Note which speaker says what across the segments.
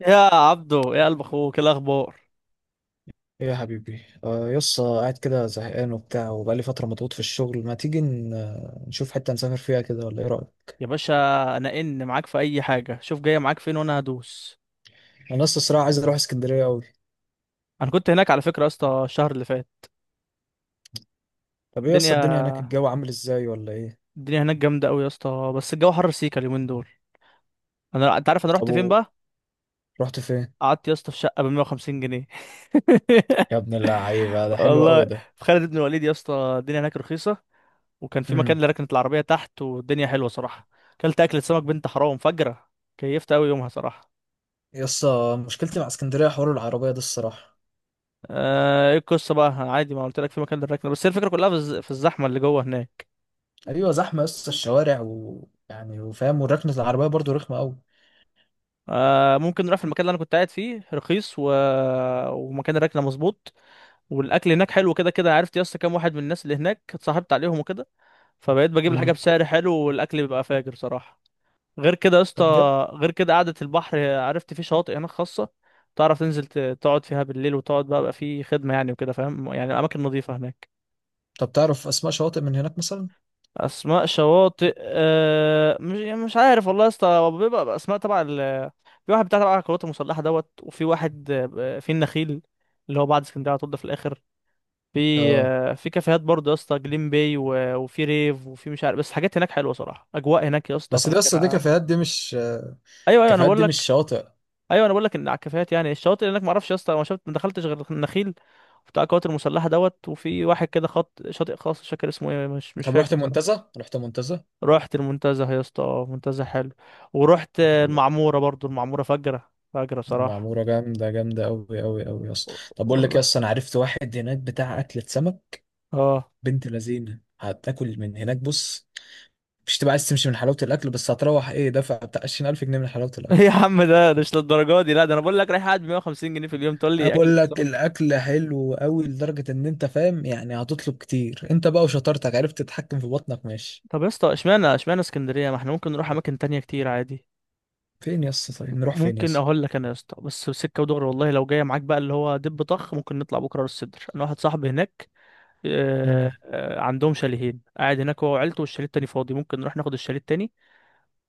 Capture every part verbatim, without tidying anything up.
Speaker 1: يا عبدو يا قلب اخوك، إيه الاخبار؟
Speaker 2: ايه يا حبيبي، آه يس قاعد كده زهقان وبتاع، وبقالي فترة مضغوط في الشغل. ما تيجي ن- آه، نشوف حتة نسافر فيها كده، ولا ايه رأيك؟
Speaker 1: يا باشا انا ان معاك في اي حاجه. شوف جايه معاك فين وانا هدوس.
Speaker 2: انا لسه الصراحة عايز اروح اسكندرية قوي.
Speaker 1: انا كنت هناك على فكره يا اسطى الشهر اللي فات.
Speaker 2: طب ايه يس الدنيا
Speaker 1: الدنيا
Speaker 2: هناك؟ الجو عامل ازاي ولا ايه؟
Speaker 1: الدنيا هناك جامده قوي يا اسطى، بس الجو حر سيكا اليومين دول. انا انت عارف انا
Speaker 2: طب
Speaker 1: رحت فين
Speaker 2: و-
Speaker 1: بقى؟
Speaker 2: رحت فين؟
Speaker 1: قعدت يا اسطى في شقه ب مية وخمسين جنيه
Speaker 2: يا ابن اللعيبة، ده حلو
Speaker 1: والله.
Speaker 2: قوي ده.
Speaker 1: في خالد بن الوليد يا اسطى الدنيا هناك رخيصه. وكان في مكان
Speaker 2: امم.
Speaker 1: لركنت العربيه تحت، والدنيا حلوه صراحه. اكلت اكله سمك بنت حرام فجره. كيفت قوي يومها صراحه.
Speaker 2: يس مشكلتي مع اسكندرية حوار العربية ده الصراحة.
Speaker 1: آه، ايه القصه بقى؟ عادي ما قلت لك في مكان للركنه، بس هي الفكره كلها في الز- في الزحمه اللي جوه هناك.
Speaker 2: ايوه، زحمة يس الشوارع ويعني وفاهم، وركنة العربية برضو رخمة قوي.
Speaker 1: آه، ممكن نروح في المكان اللي انا كنت قاعد فيه، رخيص و... ومكان الركنه مظبوط. والاكل هناك حلو. كده كده عرفت يا اسطى كام واحد من الناس اللي هناك اتصاحبت عليهم وكده، فبقيت بجيب
Speaker 2: مم.
Speaker 1: الحاجه بسعر حلو والاكل بيبقى فاجر صراحه. غير كده يا اسطى،
Speaker 2: طب جد؟
Speaker 1: غير كده قعده البحر. عرفت فيه شواطئ هناك خاصه تعرف تنزل ت- تقعد فيها بالليل وتقعد بقى، بقى فيه خدمه يعني وكده، فاهم؟ يعني اماكن نظيفه هناك.
Speaker 2: طب تعرف اسماء شواطئ من هناك مثلا؟
Speaker 1: اسماء شواطئ أه مش يعني مش عارف والله يا اسطى، هو بيبقى اسماء تبع ال... في واحد بتاع تبع القوات المسلحه دوت، وفي واحد، آه، في النخيل اللي هو بعد اسكندريه على طول ده في الاخر. في،
Speaker 2: اه.
Speaker 1: آه، في كافيهات برضه يا اسطى، جليم باي و- وفي ريف وفي مش عارف، بس حاجات هناك حلوه صراحه، اجواء هناك يا اسطى
Speaker 2: بس ده يس دي
Speaker 1: فجرة.
Speaker 2: كافيهات دي مش.
Speaker 1: ايوه ايوه انا
Speaker 2: الكافيهات
Speaker 1: بقول
Speaker 2: دي مش
Speaker 1: لك.
Speaker 2: شاطئ.
Speaker 1: ايوه انا بقول لك ان على الكافيهات. يعني الشواطئ هناك ما اعرفش يا اسطى، ما شفت ما دخلتش غير النخيل بتاع القوات المسلحه دوت، وفي واحد كده خط شاطئ خاص مش فاكر اسمه ايه، مش مش
Speaker 2: طب
Speaker 1: فاكر.
Speaker 2: رحت منتزه؟ رحت منتزه؟
Speaker 1: رحت المنتزه يا اسطى، اه منتزه حلو. ورحت
Speaker 2: حلو.
Speaker 1: المعموره برضو، المعموره فجره فجره صراحه.
Speaker 2: المعموره جامده جامده قوي قوي قوي اصلا. طب بقول لك إيه يا
Speaker 1: والله
Speaker 2: اسطى، انا عرفت واحد هناك بتاع اكله سمك.
Speaker 1: اه.
Speaker 2: بنت لذينه، هتاكل من هناك، بص. مش تبقى عايز تمشي من حلاوه الاكل، بس هتروح ايه دافع بتاع عشرين ألف جنيه من حلاوه
Speaker 1: إيه يا
Speaker 2: الاكل.
Speaker 1: عم، ده ده مش للدرجه دي لا. ده انا بقول لك رايح قاعد ب مئة وخمسين جنيه في اليوم تقول
Speaker 2: أنا
Speaker 1: لي اكل
Speaker 2: بقول لك
Speaker 1: سمك؟
Speaker 2: الاكل حلو قوي لدرجه ان انت فاهم يعني، هتطلب كتير انت بقى، وشطارتك عرفت تتحكم في بطنك، ماشي؟
Speaker 1: طب يا اسطى، اشمعنى اشمعنى اسكندريه؟ ما احنا ممكن نروح اماكن تانية كتير عادي.
Speaker 2: فين يا اسطى؟ طيب نروح فين يا
Speaker 1: ممكن
Speaker 2: اسطى؟
Speaker 1: اقول لك انا يا اسطى، بس سكه ودغري والله لو جايه معاك بقى اللي هو دب طخ، ممكن نطلع بكره راس السدر. انا واحد صاحبي هناك، آه،
Speaker 2: امم.
Speaker 1: آه، عندهم شاليهين. قاعد هناك هو وعيلته، والشاليه التاني فاضي، ممكن نروح ناخد الشاليه التاني.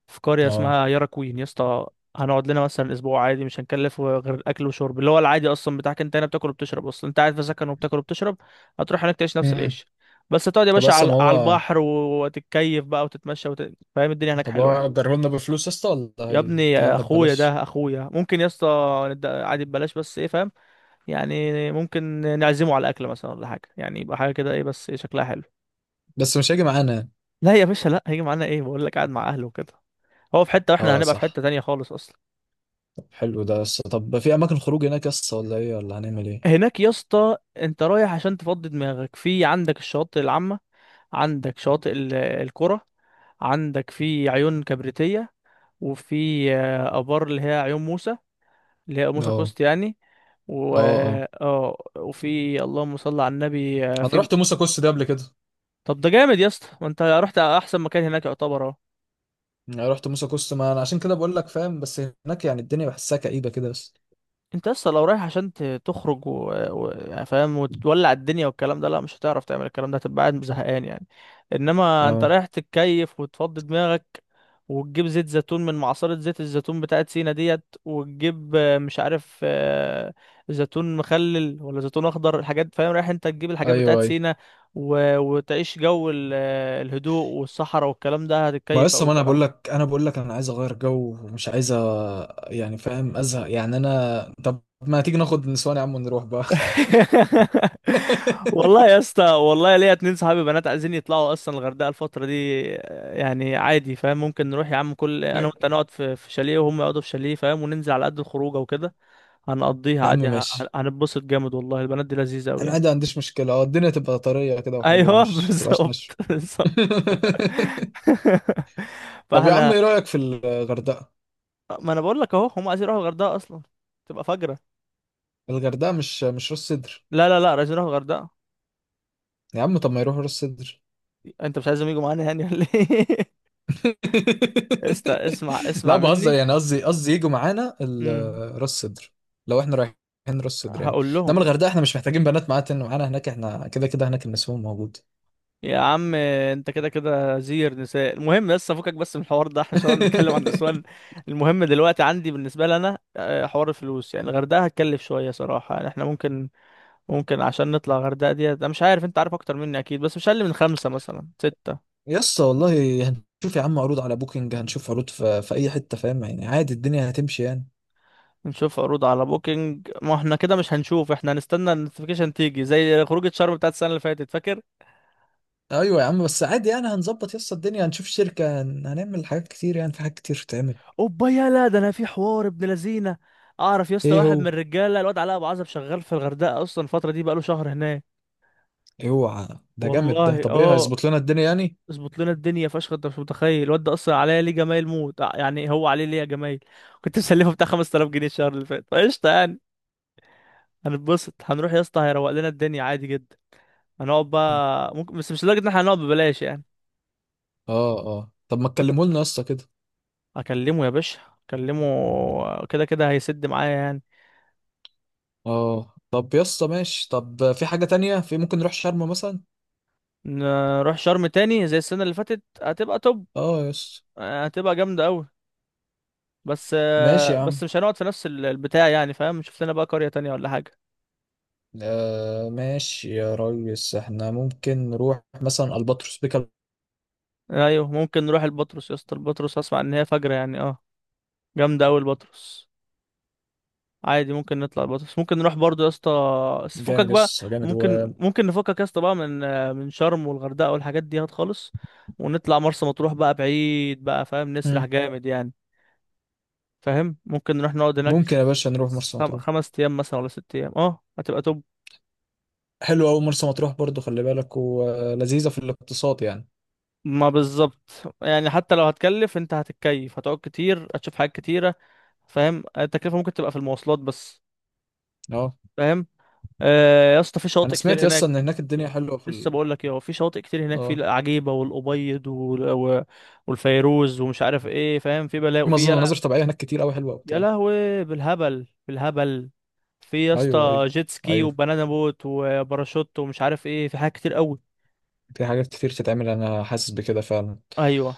Speaker 1: في قرية
Speaker 2: اه.
Speaker 1: اسمها يارا كوين يا اسطى. هنقعد لنا مثلا اسبوع عادي، مش هنكلف غير اكل وشرب اللي هو العادي اصلا بتاعك انت هنا، بتاكل وبتشرب اصلا، انت قاعد في سكن وبتاكل وبتشرب. هتروح هناك تعيش نفس
Speaker 2: امم.
Speaker 1: العيش، بس هتقعد يا
Speaker 2: طب
Speaker 1: باشا
Speaker 2: بس
Speaker 1: على
Speaker 2: ما
Speaker 1: على
Speaker 2: هو.
Speaker 1: البحر وتتكيف بقى وتتمشى وت... فاهم؟ الدنيا هناك
Speaker 2: طب هو
Speaker 1: حلوه يعني.
Speaker 2: أجره لنا بفلوس يا اسطى، ولا
Speaker 1: يا ابني
Speaker 2: هيديها
Speaker 1: يا
Speaker 2: لنا
Speaker 1: اخويا
Speaker 2: ببلاش؟
Speaker 1: ده اخويا، ممكن يا اسطى ند- عادي ببلاش. بس ايه فاهم؟ يعني ممكن نعزمه على اكل مثلا ولا حاجه، يعني يبقى حاجه كده، ايه بس إيه شكلها حلو.
Speaker 2: بس مش هيجي معانا يعني.
Speaker 1: لا يا باشا، لا هيجي معانا ايه، بقول لك قاعد مع اهله وكده. هو في حته واحنا
Speaker 2: اه،
Speaker 1: هنبقى في
Speaker 2: صح.
Speaker 1: حته تانية خالص اصلا.
Speaker 2: طب حلو ده، بس طب في اماكن خروج هناك يا اسطى ولا ايه؟ ولا هنعمل ايه؟
Speaker 1: هناك يا اسطى انت رايح عشان تفضي دماغك. في عندك الشواطئ العامة، عندك شواطئ ال- القرى، عندك في عيون كبريتية، وفي، آه، آبار اللي هي عيون موسى، اللي هي موسى
Speaker 2: اه،
Speaker 1: كوست يعني، و...
Speaker 2: اه، اه.
Speaker 1: اه. وفي، اللهم صل على النبي، آه،
Speaker 2: انا
Speaker 1: في...
Speaker 2: رحت موسى كوست ده قبل كده.
Speaker 1: طب ده جامد يا اسطى، ما انت رحت احسن مكان هناك يعتبر اهو.
Speaker 2: يعني رحت موسى كوست، ما انا عشان كده بقول لك فاهم، بس هناك يعني الدنيا بحسها كئيبه كده بس.
Speaker 1: انت اصلا لو رايح عشان ت- تخرج و... و... يعني، فاهم؟ وتولع الدنيا والكلام ده، لا مش هتعرف تعمل الكلام ده، هتبقى قاعد زهقان يعني. انما انت
Speaker 2: اه،
Speaker 1: رايح تتكيف وتفضي دماغك، وتجيب زيت زيتون من معصرة زيت الزيتون بتاعت سينا ديت، وتجيب آه، مش عارف، آه، زيتون مخلل ولا زيتون اخضر، الحاجات، فاهم؟ رايح انت تجيب الحاجات بتاعت
Speaker 2: ايوه ايوه.
Speaker 1: سينا، و... وتعيش جو ال... آه، الهدوء والصحراء والكلام ده،
Speaker 2: ما
Speaker 1: هتتكيف
Speaker 2: لسه،
Speaker 1: اوي
Speaker 2: ما انا بقول
Speaker 1: صراحة.
Speaker 2: لك انا بقول لك انا عايز اغير جو ومش عايز أ- يعني فاهم، ازهق يعني انا. طب ما تيجي ناخد نسوان يا عم ونروح بقى؟
Speaker 1: والله يا اسطى، والله ليا اتنين صحابي بنات عايزين يطلعوا اصلا الغردقه الفتره دي، آه، يعني عادي فاهم. ممكن نروح يا عم، كل انا وانت نقعد في في شاليه وهم يقعدوا في شاليه، فاهم؟ وننزل على قد الخروجه وكده. هنقضيها
Speaker 2: يا عم
Speaker 1: عادي، ه- ه-
Speaker 2: ماشي.
Speaker 1: هنتبسط جامد والله، البنات دي لذيذه قوي
Speaker 2: انا
Speaker 1: يعني.
Speaker 2: عادي ما عنديش مشكله، اه، الدنيا تبقى طريه كده وحلوه،
Speaker 1: ايوه
Speaker 2: مش تبقاش ناشفه.
Speaker 1: بالظبط بالظبط.
Speaker 2: طب يا عم
Speaker 1: فاحنا،
Speaker 2: ايه رايك في الغردقه؟
Speaker 1: ما انا بقول لك اهو هم عايزين يروحوا الغردقه اصلا، تبقى فجره.
Speaker 2: الغردقه مش مش راس سدر؟
Speaker 1: لا لا لا عايزين يروحوا الغردقه.
Speaker 2: يا عم طب ما يروحوا راس سدر.
Speaker 1: انت مش عايزهم يجوا معانا يعني ولا ايه؟ استا، اسمع
Speaker 2: لا،
Speaker 1: اسمع
Speaker 2: بهزر
Speaker 1: مني،
Speaker 2: يعني، قصدي قصدي يجوا معانا ال- راس سدر. لو احنا رايحين راس سدر يعني.
Speaker 1: هقول
Speaker 2: انما
Speaker 1: لهم.
Speaker 2: الغردقه احنا مش محتاجين بنات معانا، تن- معانا هناك احنا كده كده هناك النسوان موجود.
Speaker 1: يا عم انت كده كده زير نساء، المهم بس افكك بس من الحوار ده، احنا مش هنقعد نتكلم عن النسوان. المهم دلوقتي عندي بالنسبه لي انا، آه، حوار الفلوس، يعني الغردقه هتكلف شويه صراحه يعني. احنا ممكن، ممكن عشان نطلع الغردقه دي انا مش عارف، انت عارف اكتر مني اكيد، بس مش اقل من خمسه مثلا سته.
Speaker 2: يس والله. هنشوف يا عم عروض على بوكينج، هنشوف عروض في, في اي حته، فاهم يعني، عادي الدنيا هتمشي يعني.
Speaker 1: نشوف عروض على بوكينج؟ ما احنا كده مش هنشوف، احنا هنستنى النوتيفيكيشن تيجي زي خروجه شرم بتاعت السنه اللي فاتت فاكر.
Speaker 2: ايوه يا عم، بس عادي يعني هنظبط يس الدنيا. هنشوف شركة، هن- هنعمل حاجات كتير يعني، في حاجات كتير تتعمل.
Speaker 1: اوبا يلا، ده انا في حوار ابن لذينه. اعرف يا اسطى
Speaker 2: ايه
Speaker 1: واحد
Speaker 2: هو؟
Speaker 1: من الرجاله، الواد علاء ابو عزب، شغال في الغردقه اصلا الفتره دي، بقاله شهر هناك.
Speaker 2: ايه هو؟ ده جامد ده.
Speaker 1: والله
Speaker 2: طب ايه
Speaker 1: اه،
Speaker 2: هيظبط لنا الدنيا يعني؟
Speaker 1: اظبط لنا الدنيا فشخ. انت مش متخيل الواد ده اصلا عليا ليه جمايل موت، آه، يعني هو عليه ليه جمايل. كنت مسلفه بتاع خمس تلاف جنيه الشهر اللي فات فقشطه يعني. هنتبسط، هنروح يا اسطى هيروق لنا الدنيا عادي جدا. هنقعد بقى، ممكن، بس مش لدرجه ان احنا هنقعد ببلاش يعني.
Speaker 2: اه، اه. طب ما تكلمه لنا يا اسطى كده.
Speaker 1: اكلمه يا باشا، اكلمه كده كده هيسد معايا يعني.
Speaker 2: اه، طب يا اسطى ماشي. طب في حاجة تانية، في ممكن نروح شرم مثلا.
Speaker 1: نروح شرم تاني زي السنه اللي فاتت هتبقى توب،
Speaker 2: اه يا اسطى.
Speaker 1: آه، هتبقى جامدة أوي. بس،
Speaker 2: ماشي
Speaker 1: آه،
Speaker 2: يا عم.
Speaker 1: بس مش هنقعد في نفس ال- البتاع يعني، فاهم؟ شوف لنا بقى قرية تانية ولا حاجة.
Speaker 2: آه ماشي يا ريس، احنا ممكن نروح مثلا الباتروس بيكال.
Speaker 1: أيوه ممكن نروح البطرس يا اسطى، البطرس أسمع إن هي فجرة يعني، اه جامدة أوي البطرس. عادي ممكن نطلع البطرس، ممكن نروح برضو يا اسطى، بس فكك
Speaker 2: جامد
Speaker 1: بقى.
Speaker 2: يس، جامد و.
Speaker 1: ممكن، ممكن نفكك يا اسطى بقى من، آه، من شرم والغردقة والحاجات دي، هات خالص. ونطلع مرسى مطروح بقى، بعيد بقى فاهم، نسرح
Speaker 2: مم.
Speaker 1: جامد يعني. فاهم؟ ممكن نروح نقعد هناك
Speaker 2: ممكن يا باشا نروح مرسى
Speaker 1: خم...
Speaker 2: مطروح.
Speaker 1: خمس أيام مثلا ولا ست أيام، اه هتبقى توب.
Speaker 2: حلو قوي مرسى مطروح برضو، خلي بالك، ولذيذه في الاقتصاد يعني.
Speaker 1: ما بالظبط يعني، حتى لو هتكلف انت هتتكيف، هتقعد كتير هتشوف حاجات كتيرة. فاهم؟ التكلفة ممكن تبقى في المواصلات بس.
Speaker 2: اه،
Speaker 1: فاهم؟ آه يا اسطى في
Speaker 2: انا
Speaker 1: شواطئ
Speaker 2: سمعت
Speaker 1: كتير
Speaker 2: يس ان
Speaker 1: هناك.
Speaker 2: هناك الدنيا حلوه. في
Speaker 1: لسه
Speaker 2: ال...
Speaker 1: بقول لك اهو، في شواطئ كتير هناك، في
Speaker 2: اه
Speaker 1: العجيبة والأبيض وال- و- والفيروز ومش عارف ايه، فاهم؟ في بلاء
Speaker 2: في
Speaker 1: وفي
Speaker 2: مظن-
Speaker 1: يلا.
Speaker 2: مناظر طبيعيه هناك كتير قوي حلوه
Speaker 1: يا
Speaker 2: وبتاع.
Speaker 1: لهوي، بالهبل بالهبل. في يا
Speaker 2: ايوه،
Speaker 1: اسطى
Speaker 2: ايوه.
Speaker 1: جيت سكي
Speaker 2: ايوه
Speaker 1: وبنانا بوت وباراشوت ومش عارف ايه، في حاجات كتير قوي.
Speaker 2: في حاجات كتير تتعمل، انا حاسس بكده فعلا.
Speaker 1: ايوه.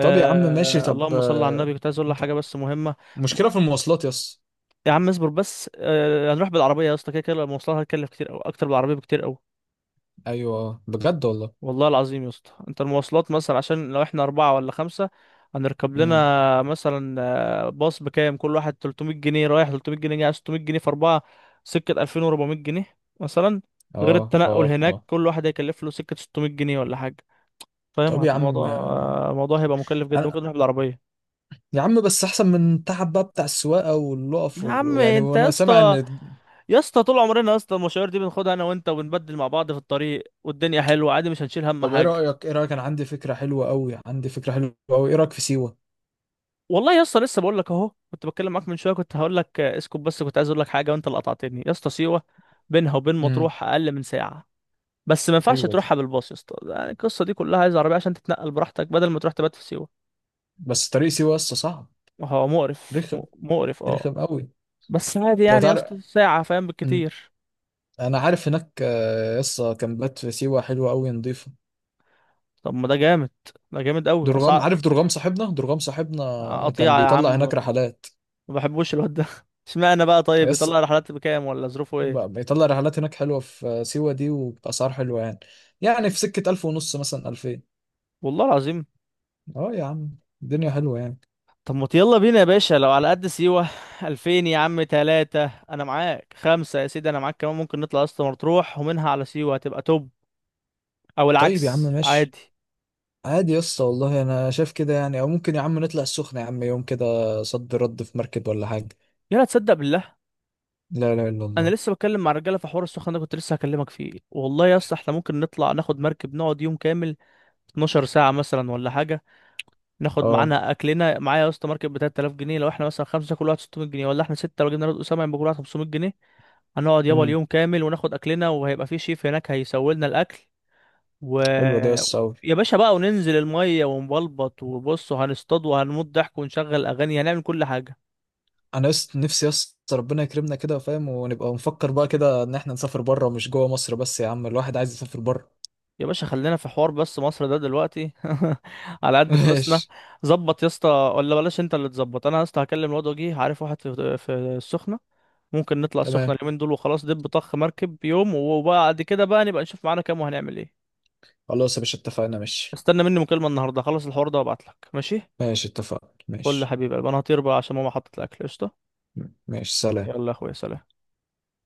Speaker 2: طب يا عم ماشي. طب
Speaker 1: اللهم صل على
Speaker 2: آه،
Speaker 1: النبي، كنت عايز اقول لك حاجة بس مهمة.
Speaker 2: مشكله في المواصلات يس.
Speaker 1: يا عم اصبر بس، آه، هنروح بالعربية يا اسطى، كده كده المواصلات هتكلف كتير أوي، أكتر بالعربية بكتير أوي.
Speaker 2: ايوه، آه، بجد والله.
Speaker 1: والله العظيم يا اسطى، أنت المواصلات مثلا عشان لو احنا أربعة ولا خمسة، هنركب
Speaker 2: امم.
Speaker 1: لنا مثلا آه، باص. بكام كل واحد؟ تلت مية جنيه رايح، تلت مية جنيه جاي، ست مية جنيه في أربعة، سكة ألفين وأربع مية جنيه مثلا.
Speaker 2: اه،
Speaker 1: غير التنقل
Speaker 2: اه،
Speaker 1: هناك
Speaker 2: اه.
Speaker 1: كل واحد هيكلف له سكة ست مية جنيه ولا حاجة. فاهم؟
Speaker 2: طب يا
Speaker 1: هت-
Speaker 2: عم،
Speaker 1: الموضوع،
Speaker 2: آه،
Speaker 1: آه، الموضوع هيبقى مكلف جدا،
Speaker 2: انا.
Speaker 1: ممكن نروح بالعربية.
Speaker 2: يا عم بس احسن من التعب بقى بتاع السواقه واللقف
Speaker 1: يا عم
Speaker 2: وال- يعني،
Speaker 1: انت يا
Speaker 2: وانا سامع ان.
Speaker 1: اسطى، يا اسطى طول عمرنا يا اسطى المشاوير دي بناخدها انا وانت، وبنبدل مع بعض في الطريق، والدنيا حلوه عادي مش هنشيل هم
Speaker 2: طب ايه
Speaker 1: حاجه.
Speaker 2: رأيك؟ ايه رأيك؟ انا عندي فكرة حلوة قوي، عندي فكرة حلوة قوي. ايه رأيك في سيوة؟
Speaker 1: والله يا اسطى لسه بقول لك اهو، كنت بتكلم معاك من شويه كنت هقول لك، آه، اسكت بس، كنت عايز اقول لك حاجه وانت اللي قطعتني يا اسطى. سيوه بينها وبين
Speaker 2: امم.
Speaker 1: مطروح اقل من ساعه، بس ما ينفعش
Speaker 2: حلوة دي.
Speaker 1: تروحها بالباص يا اسطى يعني. القصه دي كلها عايز عربيه عشان تتنقل براحتك، بدل ما تروح تبات في سيوه.
Speaker 2: بس طريق سيوة لسه صعب.
Speaker 1: هو مقرف م-
Speaker 2: رخم،
Speaker 1: مقرف اه.
Speaker 2: رخم قوي.
Speaker 1: بس عادي
Speaker 2: لو
Speaker 1: يعني يا
Speaker 2: تعرف.
Speaker 1: اسطى ساعه فاهم،
Speaker 2: امم.
Speaker 1: بالكتير.
Speaker 2: انا عارف هناك. لسه كامبات في سيوة حلوة قوي، نضيفة.
Speaker 1: طب ما ده جامد، ده جامد قوي.
Speaker 2: درغام،
Speaker 1: اسعار
Speaker 2: عارف درغام؟ صاحبنا، درغام صاحبنا. كان
Speaker 1: قطيعه يا
Speaker 2: بيطلع
Speaker 1: عم. ما
Speaker 2: هناك رحلات.
Speaker 1: بحبوش الواد ده اشمعنى بقى؟ طيب بيطلع
Speaker 2: لسه
Speaker 1: رحلات بكام ولا ظروفه ايه؟
Speaker 2: بيطلع رحلات هناك حلوة في آه، سيوة دي، وبأسعار حلوة يعني. يعني في سكة ألف ونص مثلا، ألفين.
Speaker 1: والله العظيم.
Speaker 2: اه يا عم، الدنيا حلوة يعني.
Speaker 1: طب ما يلا بينا يا باشا، لو على قد سيوة ألفين يا عم، تلاتة انا معاك، خمسة يا سيدي انا معاك كمان. ممكن نطلع اسطى مطروح ومنها على سيوة هتبقى توب، او
Speaker 2: طيب يا عم
Speaker 1: العكس
Speaker 2: ماشي.
Speaker 1: عادي.
Speaker 2: عادي يا اسطى والله، انا شايف كده يعني. او ممكن يا عم نطلع السخنة يا عم، يوم كده. صد رد، في مركب ولا حاجة.
Speaker 1: يلا، تصدق بالله؟
Speaker 2: لا لا، الا
Speaker 1: انا
Speaker 2: الله.
Speaker 1: لسه بتكلم مع الرجاله في حوار السخن ده، كنت لسه هكلمك فيه والله يا اسطى. احنا ممكن نطلع ناخد مركب، نقعد يوم كامل، اتناشر ساعة مثلا ولا حاجة. ناخد
Speaker 2: اه.
Speaker 1: معانا اكلنا، معايا يا اسطى ماركت ب ثلاثة آلاف جنيه، لو احنا مثلا خمسه كل واحد ستمائة جنيه، ولا احنا سته لو جبنا رد اسامه يبقى كل واحد خمس مية جنيه. هنقعد يابا
Speaker 2: امم.
Speaker 1: اليوم كامل، وناخد اكلنا، وهيبقى في شيف هناك هيسوي لنا الاكل، و...
Speaker 2: حلوة دي يا اسطى أوي.
Speaker 1: يا باشا بقى وننزل الميه ونبلبط، وبص وهنصطاد وهنموت ضحك، ونشغل اغاني، هنعمل كل حاجه.
Speaker 2: انا يس نفسي يا اسطى ربنا يكرمنا كده، فاهم، ونبقى نفكر بقى كده ان احنا نسافر بره مش جوه مصر، بس يا عم الواحد عايز يسافر بره.
Speaker 1: يا باشا خلينا في حوار بس مصر ده دلوقتي على قد فلوسنا.
Speaker 2: ماشي.
Speaker 1: ظبط يا اسطى، ولا بلاش انت اللي تظبط. انا يا اسطى هكلم الواد وجيه، عارف واحد في في السخنه، ممكن نطلع السخنة
Speaker 2: تمام.
Speaker 1: اليومين دول وخلاص، دب طخ مركب يوم، وبعد كده بقى نبقى نشوف معانا كام وهنعمل ايه.
Speaker 2: خلاص يا باشا، اتفقنا، ماشي.
Speaker 1: استنى مني مكالمة النهاردة، خلص الحوار ده وابعتلك ماشي.
Speaker 2: ماشي اتفقنا،
Speaker 1: قول لي يا
Speaker 2: ماشي.
Speaker 1: حبيبي، انا هطير بقى عشان ماما حطت الاكل قشطة.
Speaker 2: ماشي، سلام.
Speaker 1: يلا يا اخويا، سلام.